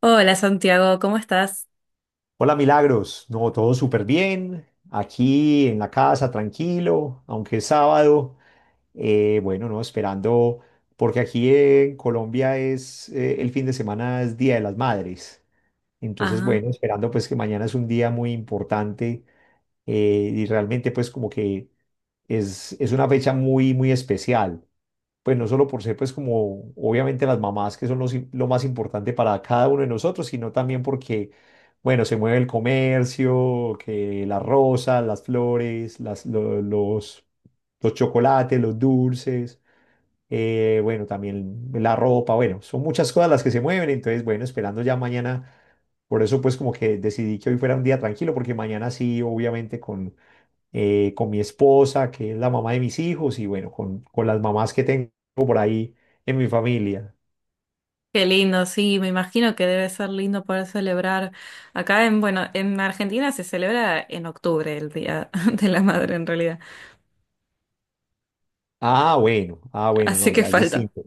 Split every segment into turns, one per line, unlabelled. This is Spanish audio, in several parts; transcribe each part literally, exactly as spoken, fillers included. Hola Santiago, ¿cómo estás?
Hola Milagros, no, todo súper bien, aquí en la casa, tranquilo, aunque es sábado, eh, bueno, no, esperando, porque aquí en Colombia es, eh, el fin de semana es Día de las Madres, entonces
Ah,
bueno, esperando pues que mañana es un día muy importante. Eh, y realmente pues como que es, es una fecha muy, muy especial, pues no solo por ser, pues como obviamente las mamás, que son los im- lo más importante para cada uno de nosotros, sino también porque, bueno, se mueve el comercio, que las rosas, las flores, las, lo- los, los chocolates, los dulces, eh, bueno, también la ropa, bueno, son muchas cosas las que se mueven. Entonces, bueno, esperando ya mañana. Por eso pues como que decidí que hoy fuera un día tranquilo, porque mañana sí, obviamente con eh, con mi esposa, que es la mamá de mis hijos, y bueno, con, con las mamás que tengo por ahí en mi familia.
qué lindo, sí, me imagino que debe ser lindo poder celebrar. Acá en, bueno, en Argentina se celebra en octubre el Día de la Madre en realidad,
Ah, bueno, ah, bueno,
así
no,
que
ya es
falta.
distinto.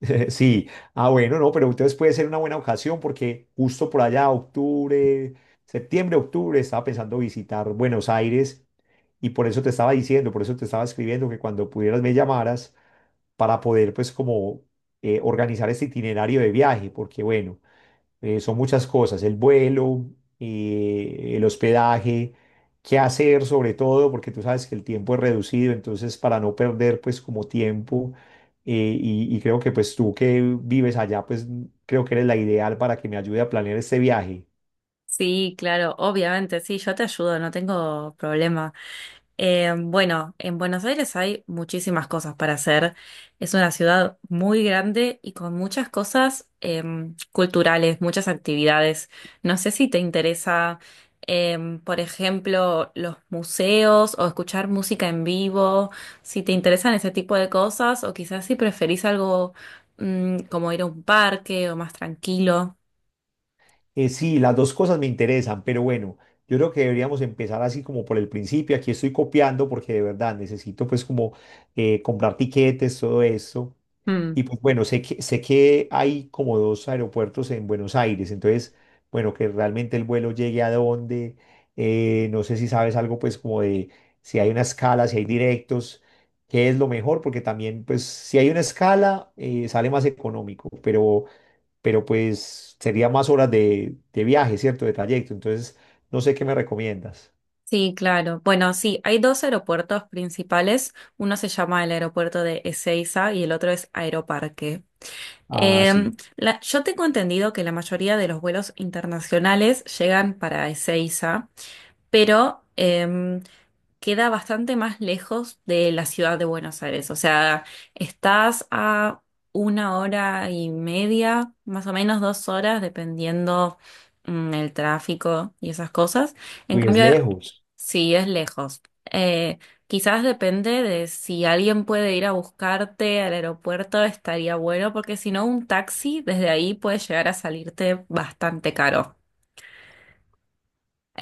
Sí, ah, bueno, no, pero entonces puede ser una buena ocasión porque justo por allá, octubre, septiembre, octubre, estaba pensando visitar Buenos Aires, y por eso te estaba diciendo, por eso te estaba escribiendo que cuando pudieras me llamaras para poder pues como eh, organizar este itinerario de viaje, porque bueno, eh, son muchas cosas, el vuelo, eh, el hospedaje, qué hacer sobre todo, porque tú sabes que el tiempo es reducido, entonces para no perder pues como tiempo, eh, y, y creo que pues tú que vives allá, pues creo que eres la ideal para que me ayude a planear este viaje.
Sí, claro, obviamente, sí, yo te ayudo, no tengo problema. Eh, bueno, en Buenos Aires hay muchísimas cosas para hacer. Es una ciudad muy grande y con muchas cosas em, culturales, muchas actividades. No sé si te interesa, em, por ejemplo, los museos o escuchar música en vivo, si te interesan ese tipo de cosas o quizás si preferís algo mm, como ir a un parque o más tranquilo.
Eh, sí, las dos cosas me interesan, pero bueno, yo creo que deberíamos empezar así como por el principio. Aquí estoy copiando porque de verdad necesito pues como eh, comprar tiquetes, todo esto. Y pues bueno, sé que, sé que hay como dos aeropuertos en Buenos Aires, entonces, bueno, que realmente el vuelo llegue a dónde. Eh, no sé si sabes algo pues como de si hay una escala, si hay directos, qué es lo mejor, porque también pues si hay una escala eh, sale más económico, pero, pero pues sería más horas de, de viaje, ¿cierto? De trayecto, entonces no sé qué me recomiendas.
Sí, claro. Bueno, sí, hay dos aeropuertos principales. Uno se llama el aeropuerto de Ezeiza y el otro es Aeroparque.
Ah,
Eh,
sí,
la- yo tengo entendido que la mayoría de los vuelos internacionales llegan para Ezeiza, pero em, queda bastante más lejos de la ciudad de Buenos Aires. O sea, estás a una hora y media, más o menos dos horas, dependiendo mm, el tráfico y esas cosas. En
uy, es
cambio,
lejos.
sí es lejos. Eh, quizás depende de si alguien puede ir a buscarte al aeropuerto, estaría bueno, porque si no, un taxi desde ahí puede llegar a salirte bastante caro.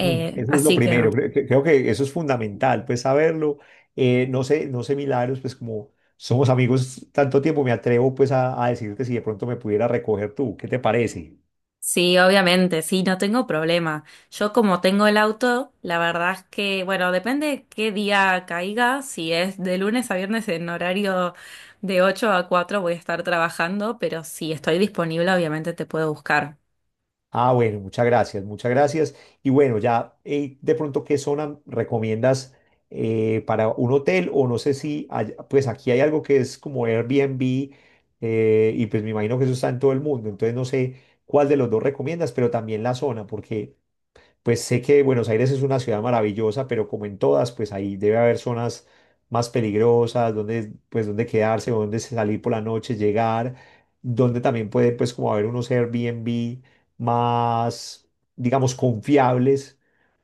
Mm. Eso es lo
así que.
primero, creo, que creo que eso es fundamental, pues saberlo. Eh, no sé, no sé, Milagros, pues como somos amigos tanto tiempo, me atrevo pues a, a decirte si de pronto me pudiera recoger tú, ¿qué te parece?
Sí, obviamente, sí, no tengo problema. Yo como tengo el auto, la verdad es que, bueno, depende qué día caiga, si es de lunes a viernes en horario de ocho a cuatro voy a estar trabajando, pero si estoy disponible, obviamente te puedo buscar.
Ah, bueno, muchas gracias, muchas gracias. Y bueno, ya eh, de pronto, ¿qué zona recomiendas eh, para un hotel? O no sé si, hay- pues aquí hay algo que es como Airbnb, eh, y pues me imagino que eso está en todo el mundo, entonces no sé cuál de los dos recomiendas, pero también la zona, porque… Pues sé que Buenos Aires es una ciudad maravillosa, pero como en todas, pues ahí debe haber zonas más peligrosas, donde, pues, donde quedarse, o donde salir por la noche, llegar, donde también puede, pues, como haber unos Airbnb más, digamos, confiables,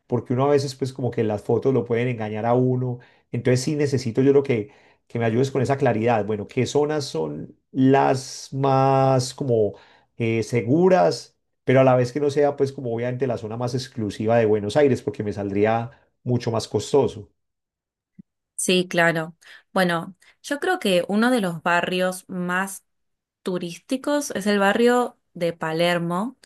porque uno a veces pues como que las fotos lo pueden engañar a uno. Entonces sí necesito yo lo que, que me ayudes con esa claridad. Bueno, ¿qué zonas son las más como eh, seguras, pero a la vez que no sea pues como obviamente la zona más exclusiva de Buenos Aires, porque me saldría mucho más costoso?
Sí, claro. Bueno, yo creo que uno de los barrios más turísticos es el barrio de Palermo.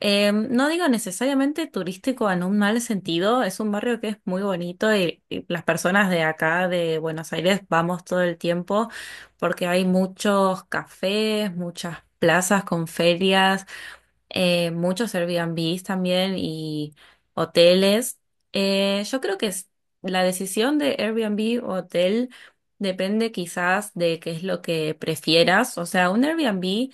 Eh, no digo necesariamente turístico en un mal sentido, es un barrio que es muy bonito y, y las personas de acá de Buenos Aires vamos todo el tiempo porque hay muchos cafés, muchas plazas con ferias, eh, muchos Airbnbs también y hoteles. Eh, yo creo que es- La decisión de Airbnb o hotel depende quizás de qué es lo que prefieras. O sea, un Airbnb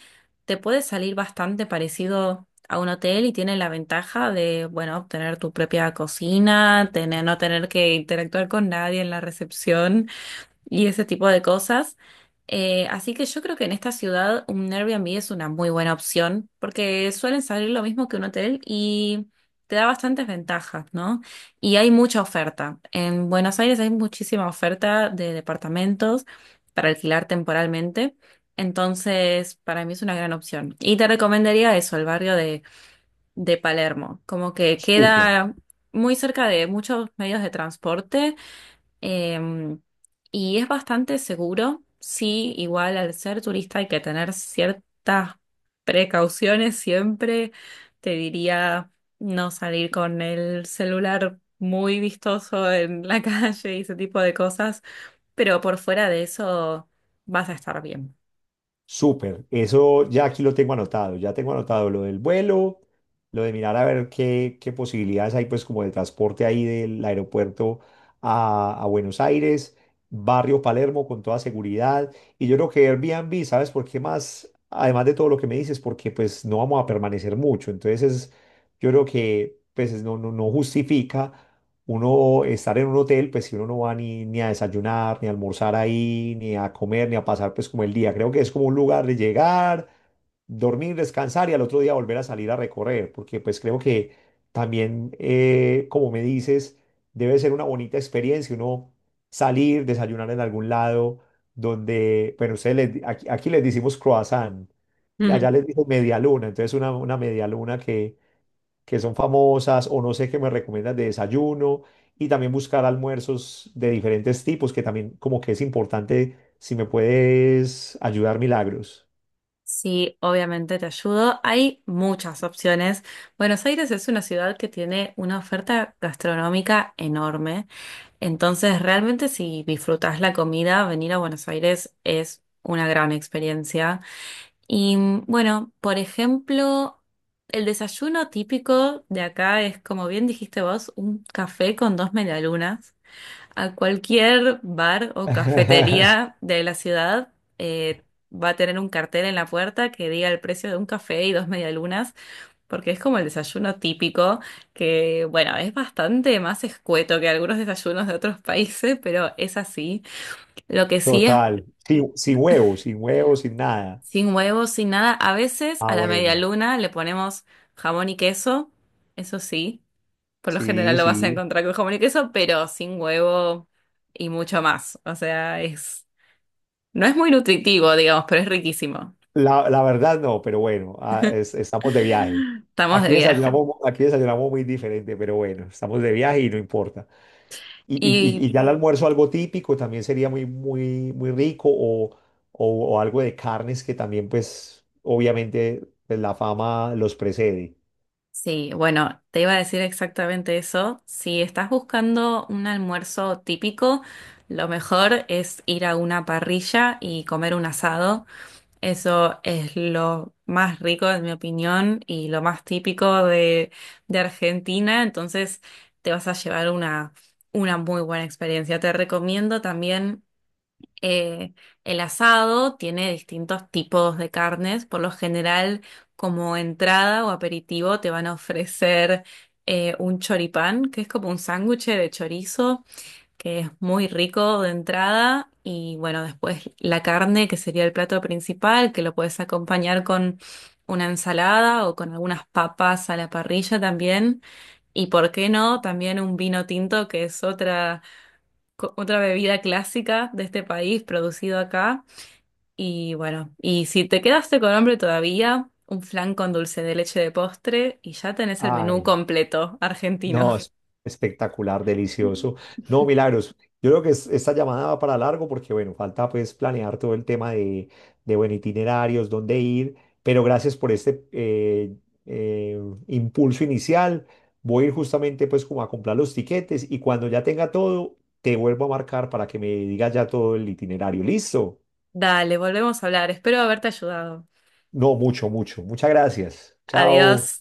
te puede salir bastante parecido a un hotel y tiene la ventaja de, bueno, obtener tu propia cocina, tener, no tener que interactuar con nadie en la recepción y ese tipo de cosas. Eh, así que yo creo que en esta ciudad un Airbnb es una muy buena opción porque suelen salir lo mismo que un hotel y te da bastantes ventajas, ¿no? Y hay mucha oferta. En Buenos Aires hay muchísima oferta de departamentos para alquilar temporalmente. Entonces, para mí es una gran opción. Y te recomendaría eso, el barrio de, de Palermo. Como que
Súper.
queda muy cerca de muchos medios de transporte. Em, y es bastante seguro, sí, igual al ser turista hay que tener ciertas precauciones siempre. Te diría no salir con el celular muy vistoso en la calle y ese tipo de cosas, pero por fuera de eso vas a estar bien.
Súper, eso ya aquí lo tengo anotado, ya tengo anotado lo del vuelo, lo de mirar a ver qué, qué posibilidades hay pues como de transporte ahí del aeropuerto a, a Buenos Aires, barrio Palermo con toda seguridad. Y yo creo que Airbnb, ¿sabes por qué más? Además de todo lo que me dices, porque pues no no no no vamos a permanecer mucho. Entonces es, yo creo que pues es- no, no, no justifica uno estar en un hotel, pues si uno no va ni, ni a desayunar, ni a almorzar ahí, ni a comer, ni a pasar pues como el día. Creo que es como un lugar de llegar, dormir, descansar y al otro día volver a salir a recorrer, porque pues creo que también, eh, como me dices, debe ser una bonita experiencia uno salir, desayunar en algún lado donde, bueno, ustedes les di- aquí, aquí les decimos croissant,
Ujú.
allá les dicen media luna, entonces una, una media luna que que son famosas, o no sé qué me recomiendas de desayuno, y también buscar almuerzos de diferentes tipos, que también como que es importante si me puedes ayudar, Milagros.
Sí, obviamente te ayudo. Hay muchas opciones. Buenos Aires es una ciudad que tiene una oferta gastronómica enorme. Entonces, realmente si disfrutas la comida, venir a Buenos Aires es una gran experiencia. Y mm, bueno, por ejemplo, el desayuno típico de acá es, como bien dijiste vos, un café con dos medialunas. A cualquier bar o cafetería de la ciudad eh, va a tener un cartel en la puerta que diga el precio de un café y dos medialunas. Porque es como el desayuno típico, que bueno, es bastante más escueto que algunos desayunos de otros países, pero es así. Lo que sí es
Total, sin, sin huevos, sin huevos, sin nada.
sin huevos, sin nada. A veces a
Ah,
la media
bueno,
luna le ponemos jamón y queso, eso sí. Por lo general
sí,
lo vas a
sí.
encontrar con jamón y queso, pero sin huevo y mucho más. O sea, es, no es muy nutritivo, digamos, pero es riquísimo.
La, la verdad no, pero bueno, ah, es- estamos de viaje.
Estamos de
Aquí
viaje.
desayunamos, aquí desayunamos muy diferente, pero bueno, estamos de viaje y no importa. Y, y-
Y
y ya el almuerzo algo típico también sería muy, muy, muy rico, o o- o algo de carnes que también pues obviamente pues, la fama los precede.
sí, bueno, te iba a decir exactamente eso. Si estás buscando un almuerzo típico, lo mejor es ir a una parrilla y comer un asado. Eso es lo más rico, en mi opinión, y lo más típico de, de Argentina. Entonces, te vas a llevar una, una muy buena experiencia. Te recomiendo también eh, el asado tiene distintos tipos de carnes. Por lo general, como entrada o aperitivo, te van a ofrecer eh, un choripán, que es como un sándwich de chorizo, que es muy rico de entrada. Y bueno, después la carne, que sería el plato principal, que lo puedes acompañar con una ensalada o con algunas papas a la parrilla también. Y por qué no, también un vino tinto, que es otra co- otra bebida clásica de este país, producido acá. Y bueno, y si te quedaste con hambre todavía, un flan con dulce de leche de postre y ya tenés el menú
Ay.
completo argentino.
No, es espectacular, delicioso. No, Milagros, yo creo que es- esta llamada va para largo porque, bueno, falta pues planear todo el tema de, de bueno, itinerarios, dónde ir, pero gracias por este eh, eh, impulso inicial. Voy a ir justamente pues como a comprar los tiquetes y cuando ya tenga todo, te vuelvo a marcar para que me digas ya todo el itinerario. ¿Listo?
Dale, volvemos a hablar. Espero haberte ayudado.
No, mucho, mucho. Muchas gracias.
Adiós.
Chao.